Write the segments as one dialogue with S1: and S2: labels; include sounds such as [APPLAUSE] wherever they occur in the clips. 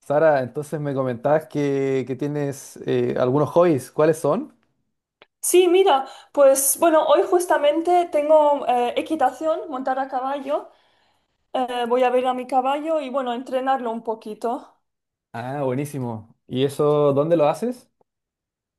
S1: Sara, entonces me comentabas que tienes algunos hobbies. ¿Cuáles son?
S2: Sí, mira, pues bueno, hoy justamente tengo equitación, montar a caballo. Voy a ver a mi caballo y bueno, entrenarlo un poquito.
S1: Ah, buenísimo. ¿Y eso dónde lo haces?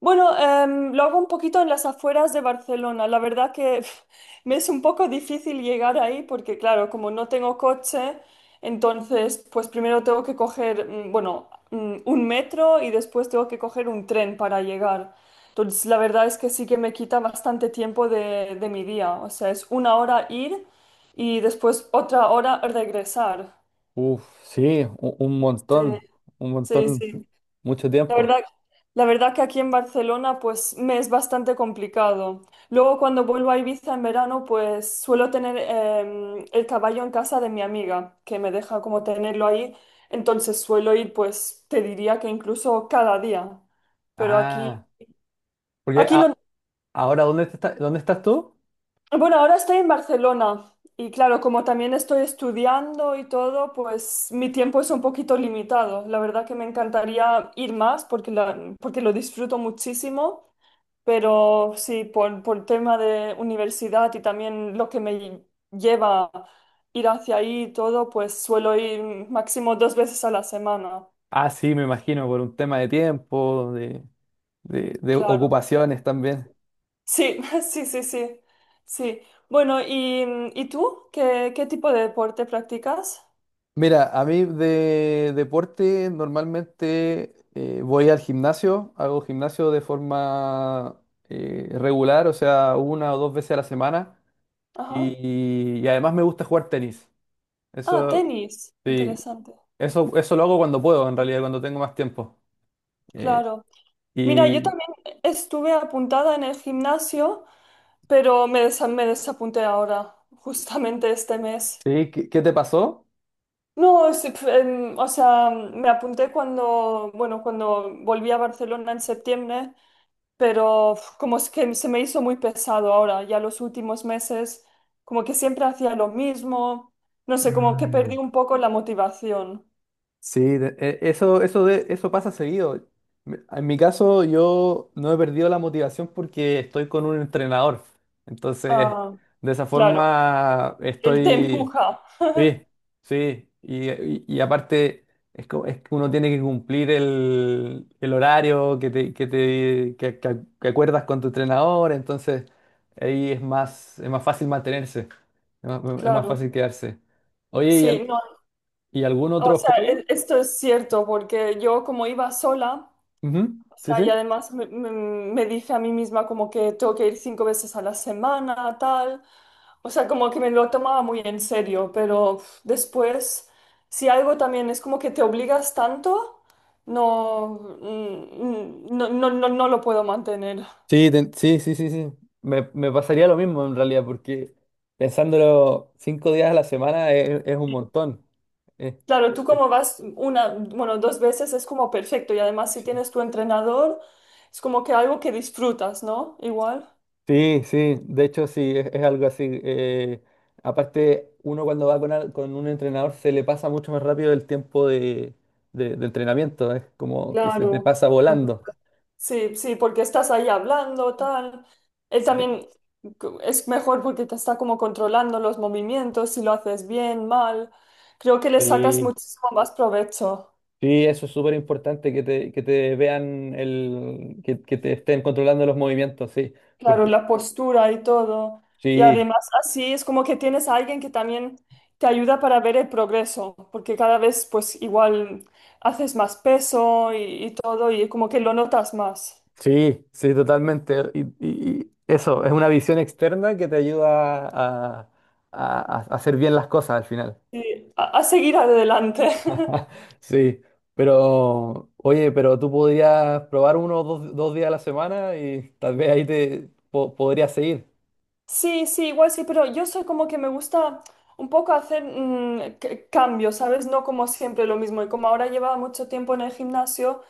S2: Bueno, lo hago un poquito en las afueras de Barcelona. La verdad que [LAUGHS] me es un poco difícil llegar ahí porque, claro, como no tengo coche, entonces, pues primero tengo que coger, un metro y después tengo que coger un tren para llegar. Entonces, la verdad es que sí que me quita bastante tiempo de mi día. O sea, es una hora ir y después otra hora regresar.
S1: Uf, sí, un
S2: Sí,
S1: montón, un
S2: sí,
S1: montón,
S2: sí.
S1: mucho
S2: La
S1: tiempo.
S2: verdad, la verdad que aquí en Barcelona pues me es bastante complicado. Luego cuando vuelvo a Ibiza en verano pues suelo tener el caballo en casa de mi amiga que me deja como tenerlo ahí. Entonces suelo ir pues te diría que incluso cada día. Pero aquí,
S1: Ah, porque
S2: aquí
S1: a-
S2: no.
S1: ahora, ¿dónde dónde estás tú?
S2: Bueno, ahora estoy en Barcelona y claro, como también estoy estudiando y todo, pues mi tiempo es un poquito limitado. La verdad que me encantaría ir más porque, porque lo disfruto muchísimo. Pero sí, por tema de universidad y también lo que me lleva a ir hacia ahí y todo, pues suelo ir máximo 2 veces a la semana.
S1: Ah, sí, me imagino, por un tema de tiempo, de
S2: Claro.
S1: ocupaciones también.
S2: Sí, [LAUGHS] sí. Sí. Bueno, ¿ y tú? Qué tipo de deporte practicas?
S1: Mira, a mí de deporte normalmente voy al gimnasio, hago gimnasio de forma regular, o sea, una o dos veces a la semana
S2: Ajá.
S1: y además me gusta jugar tenis.
S2: Ah,
S1: Eso,
S2: tenis.
S1: sí,
S2: Interesante.
S1: eso lo hago cuando puedo, en realidad, cuando tengo más tiempo. Eh,
S2: Claro. Mira, yo
S1: ¿y
S2: también estuve apuntada en el gimnasio, pero me desapunté ahora, justamente este mes.
S1: sí, qué, ¿qué te pasó?
S2: No, o sea, me apunté cuando, bueno, cuando volví a Barcelona en septiembre, pero uf, como es que se me hizo muy pesado ahora, ya los últimos meses, como que siempre hacía lo mismo, no sé, como que perdí un poco la motivación.
S1: Sí, eso, eso, eso pasa seguido. En mi caso, yo no he perdido la motivación porque estoy con un entrenador. Entonces,
S2: Ah,
S1: de esa
S2: claro,
S1: forma
S2: él te
S1: estoy.
S2: empuja,
S1: Sí, sí. Y, y aparte, es, es que uno tiene que cumplir el horario que te, que te que acuerdas con tu entrenador. Entonces, ahí es más fácil mantenerse. Es más
S2: claro.
S1: fácil quedarse. Oye, ¿
S2: Sí, no,
S1: y algún
S2: o
S1: otro
S2: sea,
S1: hobby?
S2: esto es cierto, porque yo como iba sola.
S1: Ujú.
S2: O
S1: Sí,
S2: sea,
S1: sí.
S2: y además me dice a mí misma como que tengo que ir 5 veces a la semana, tal. O sea, como que me lo tomaba muy en serio, pero uf, después, si algo también es como que te obligas tanto, no, no, no, no, no lo puedo mantener.
S1: Sí, sí, sí, sí, sí. Me pasaría lo mismo en realidad, porque pensándolo cinco días a la semana es un montón. Eh,
S2: Claro, tú
S1: eh,
S2: como vas una, bueno, dos veces es como perfecto y además si
S1: Sí,
S2: tienes tu entrenador, es como que algo que disfrutas, ¿no? Igual.
S1: sí, sí, de hecho sí, es algo así. Aparte, uno cuando va con, con un entrenador se le pasa mucho más rápido el tiempo de, de entrenamiento, es como que se te
S2: Claro.
S1: pasa volando.
S2: Sí, sí, porque estás ahí hablando, tal. Él
S1: Sí.
S2: también es mejor porque te está como controlando los movimientos, si lo haces bien, mal. Creo que le sacas
S1: Sí.
S2: muchísimo más provecho.
S1: Sí, eso es súper importante que te vean el, que te estén controlando los movimientos, sí.
S2: Claro,
S1: Porque
S2: la postura y todo. Y
S1: sí,
S2: además así es como que tienes a alguien que también te ayuda para ver el progreso, porque cada vez pues igual haces más peso y todo y como que lo notas más.
S1: sí, sí, totalmente. Y, y eso, es una visión externa que te ayuda a, a hacer bien las cosas al final.
S2: Sí, a seguir adelante.
S1: [LAUGHS]
S2: [LAUGHS]
S1: Sí, pero oye, pero tú podrías probar uno o dos, dos días a la semana y tal vez ahí podrías seguir.
S2: Sí, sí, igual sí, pero yo soy como que me gusta un poco hacer cambios, ¿sabes? No como siempre lo mismo. Y como ahora llevaba mucho tiempo en el gimnasio,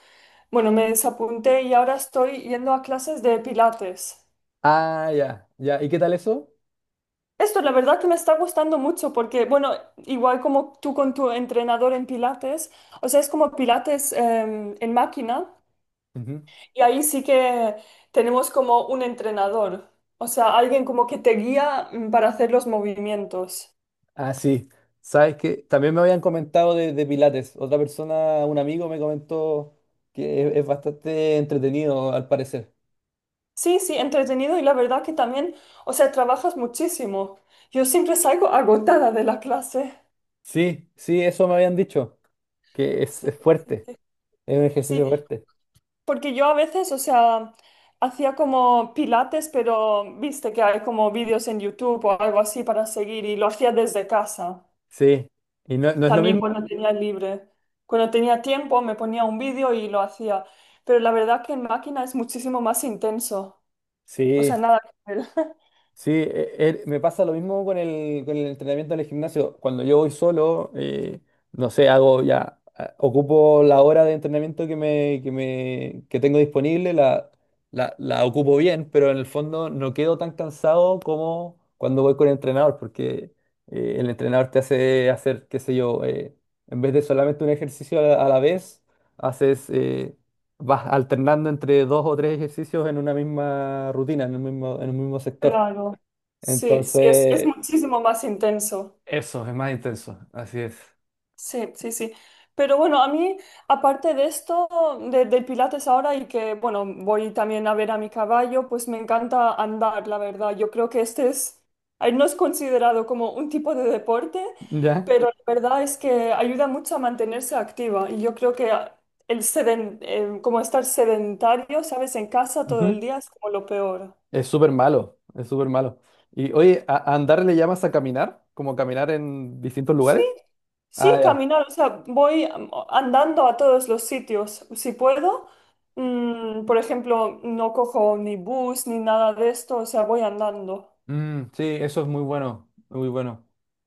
S2: bueno, me desapunté y ahora estoy yendo a clases de pilates.
S1: Ah, ya, ya. ¿Y qué tal eso?
S2: Esto la verdad que me está gustando mucho porque, bueno, igual como tú con tu entrenador en pilates, o sea, es como pilates en máquina
S1: Ujú.
S2: y ahí sí que tenemos como un entrenador, o sea, alguien como que te guía para hacer los movimientos.
S1: Ah, sí. Sabes que también me habían comentado de Pilates. Otra persona, un amigo, me comentó que es bastante entretenido, al parecer.
S2: Sí, sí, entretenido y la verdad que también, o sea, trabajas muchísimo. Yo siempre salgo agotada de la clase.
S1: Sí, sí, eso me habían dicho, que
S2: Sí,
S1: es
S2: sí,
S1: fuerte,
S2: sí.
S1: es un
S2: Sí,
S1: ejercicio fuerte.
S2: porque yo a veces, o sea, hacía como pilates, pero viste que hay como vídeos en YouTube o algo así para seguir y lo hacía desde casa,
S1: Sí. ¿Y no, no es lo
S2: también
S1: mismo?
S2: cuando tenía libre. Cuando tenía tiempo me ponía un vídeo y lo hacía, pero la verdad que en máquina es muchísimo más intenso. O
S1: Sí.
S2: sea, nada que ver.
S1: Sí, me pasa lo mismo con el entrenamiento en el gimnasio. Cuando yo voy solo, no sé, hago ya, ocupo la hora de entrenamiento que me, que me, que tengo disponible, la ocupo bien, pero en el fondo no quedo tan cansado como cuando voy con el entrenador, porque el entrenador te hace hacer, qué sé yo, en vez de solamente un ejercicio a la vez, haces, vas alternando entre dos o tres ejercicios en una misma rutina, en un mismo sector.
S2: Claro, sí, sí, es
S1: Entonces,
S2: muchísimo más intenso.
S1: eso, es más intenso, así es.
S2: Sí, sí, sí. Pero bueno, a mí, aparte de esto, del Pilates ahora y que, bueno, voy también a ver a mi caballo, pues me encanta andar, la verdad. Yo creo que este no es considerado como un tipo de deporte,
S1: Ya,
S2: pero la verdad es que ayuda mucho a mantenerse activa. Y yo creo que como estar sedentario, ¿sabes? En casa todo
S1: ujú,
S2: el día es como lo peor.
S1: es súper malo, es súper malo. Y oye, a andar le llamas a caminar? ¿Como caminar en distintos
S2: Sí,
S1: lugares?
S2: sí,
S1: Ah, ya.
S2: caminar, o sea, andando a todos los sitios. Si puedo, mm, por ejemplo, no cojo ni bus ni nada de esto, o sea, voy andando.
S1: Mm, sí, eso es muy bueno, muy bueno.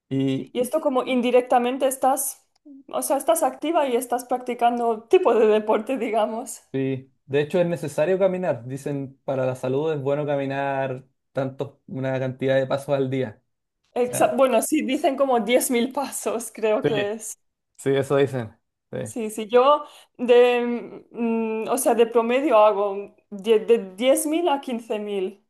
S1: Y
S2: Y esto como indirectamente estás, o sea, estás activa y estás practicando tipo de deporte, digamos.
S1: sí, de hecho es necesario caminar. Dicen, para la salud es bueno caminar tanto, una cantidad de pasos al día. O sea,
S2: Bueno, sí, dicen como 10.000 pasos, creo
S1: sí,
S2: que es.
S1: sí, eso dicen. Sí.
S2: Sí, sí, yo o sea, de promedio hago de 10.000 a 15.000.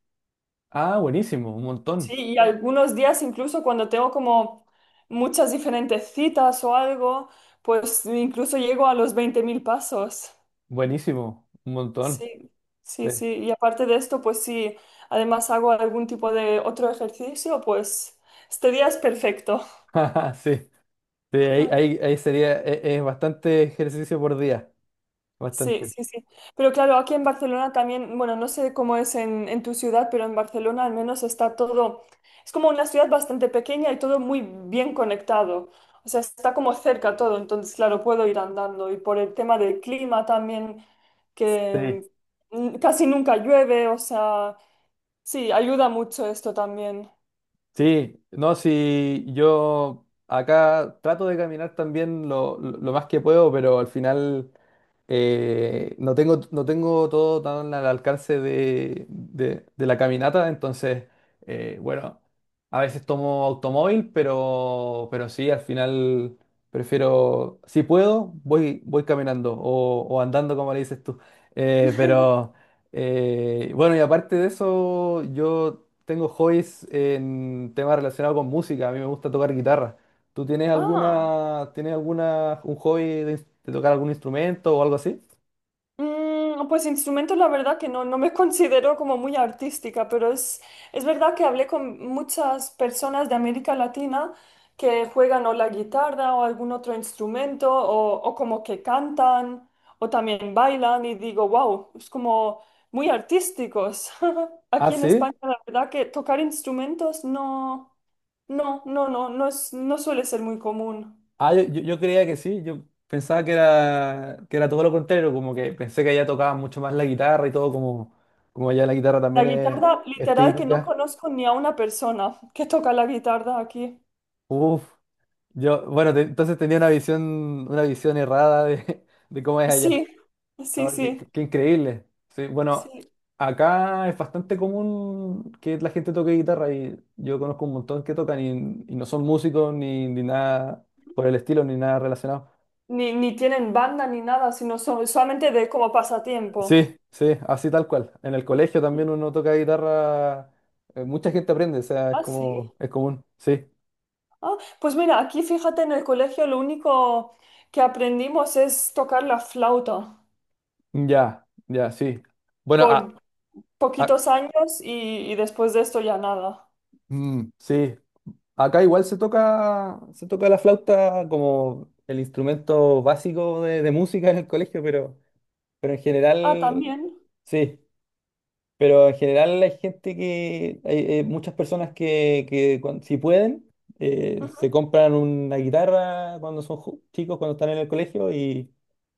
S1: Ah, buenísimo, un
S2: Sí,
S1: montón.
S2: y algunos días incluso cuando tengo como muchas diferentes citas o algo, pues incluso llego a los 20.000 pasos.
S1: Buenísimo, un montón.
S2: Sí, sí,
S1: Sí.
S2: sí. Y aparte de esto, pues sí, además hago algún tipo de otro ejercicio, pues este día es perfecto.
S1: [LAUGHS] Sí. Sí, ahí,
S2: [LAUGHS]
S1: ahí, ahí sería, es, bastante ejercicio por día,
S2: Sí,
S1: bastante.
S2: sí, sí. Pero claro, aquí en Barcelona también, bueno, no sé cómo es en tu ciudad, pero en Barcelona al menos está todo, es como una ciudad bastante pequeña y todo muy bien conectado. O sea, está como cerca todo, entonces claro, puedo ir andando. Y por el tema del clima también,
S1: Sí,
S2: que mm, casi nunca llueve, o sea, sí, ayuda mucho esto también.
S1: sí, no, si yo acá trato de caminar también lo, lo más que puedo, pero al final no tengo, no tengo todo tan al alcance de, de la caminata, entonces, bueno, a veces tomo automóvil, pero sí, al final prefiero, si puedo, voy, voy caminando o andando, como le dices tú. Pero, bueno, y aparte de eso, yo tengo hobbies en temas relacionados con música, a mí me gusta tocar guitarra. ¿Tú
S2: Ah.
S1: tienes alguna, un hobby de, de tocar algún instrumento o algo así?
S2: Mm, pues instrumentos, la verdad que no, no me [LAUGHS] considero como muy artística, pero es verdad que hablé con muchas personas de América Latina que juegan o la guitarra o algún otro instrumento o como que cantan o también bailan y digo, wow, es como muy artísticos. [LAUGHS]
S1: Ah,
S2: Aquí en
S1: sí.
S2: España, la verdad que tocar instrumentos no, es, no suele ser muy común.
S1: Ah, yo, yo creía que sí. Yo pensaba que era todo lo contrario, como que pensé que allá tocaba mucho más la guitarra y todo, como, como allá la guitarra
S2: La
S1: también
S2: guitarra,
S1: es
S2: literal, que no
S1: típica.
S2: conozco ni a una persona que toca la guitarra aquí.
S1: Uf, yo, bueno, entonces tenía una visión errada de, [LAUGHS] de cómo es allá.
S2: Sí, sí,
S1: Ah, qué,
S2: sí,
S1: qué increíble. Sí, bueno,
S2: sí.
S1: acá es bastante común que la gente toque guitarra y yo conozco un montón que tocan y no son músicos ni, ni nada por el estilo, ni nada relacionado.
S2: Ni tienen banda ni nada, sino solamente de como pasatiempo.
S1: Sí, sí, así tal cual. En el colegio también uno toca guitarra, mucha gente aprende, o sea, es
S2: Ah, sí.
S1: como, es común. Sí,
S2: Ah, pues mira, aquí fíjate en el colegio lo único que aprendimos es tocar la flauta
S1: ya, ya, sí. Bueno,
S2: por
S1: a-
S2: poquitos años y después de esto ya nada.
S1: sí. Acá igual se toca la flauta como el instrumento básico de música en el colegio, pero en
S2: Ah,
S1: general,
S2: también.
S1: sí, pero en general hay gente que, hay, muchas personas que, que si pueden, se
S2: Ujú.
S1: compran una guitarra cuando son chicos, cuando están en el colegio, y,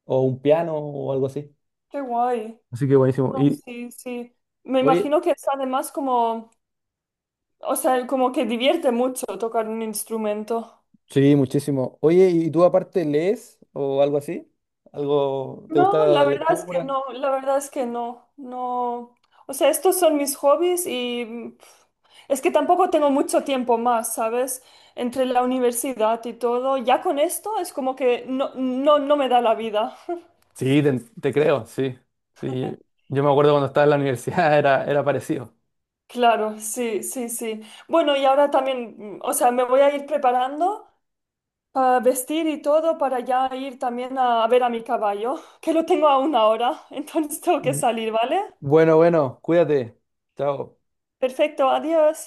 S1: o un piano o algo así.
S2: Qué guay.
S1: Así que buenísimo.
S2: No,
S1: Y,
S2: sí, sí. Me
S1: oye,
S2: imagino que es además como, o sea, como que divierte mucho tocar un instrumento.
S1: sí, muchísimo. Oye, ¿y tú aparte lees o algo así? ¿Algo te
S2: No,
S1: gusta
S2: la
S1: la
S2: verdad es que
S1: lectura?
S2: no, la verdad es que no, no. O sea, estos son mis hobbies y es que tampoco tengo mucho tiempo más, ¿sabes? Entre la universidad y todo, ya con esto es como que no, no, no me da la vida.
S1: Sí, te creo, sí. Sí, yo me acuerdo cuando estaba en la universidad [LAUGHS] era, era parecido.
S2: Claro, sí, sí, sí. Bueno, y ahora también, mm, o sea, me voy a ir preparando para vestir y todo para ya ir también a ver a mi caballo, que lo tengo a una hora, [LAUGHS] entonces tengo que
S1: Bu-
S2: salir, ¿vale?
S1: Bueno, bueno, cuídate. Chao.
S2: Perfecto, adiós.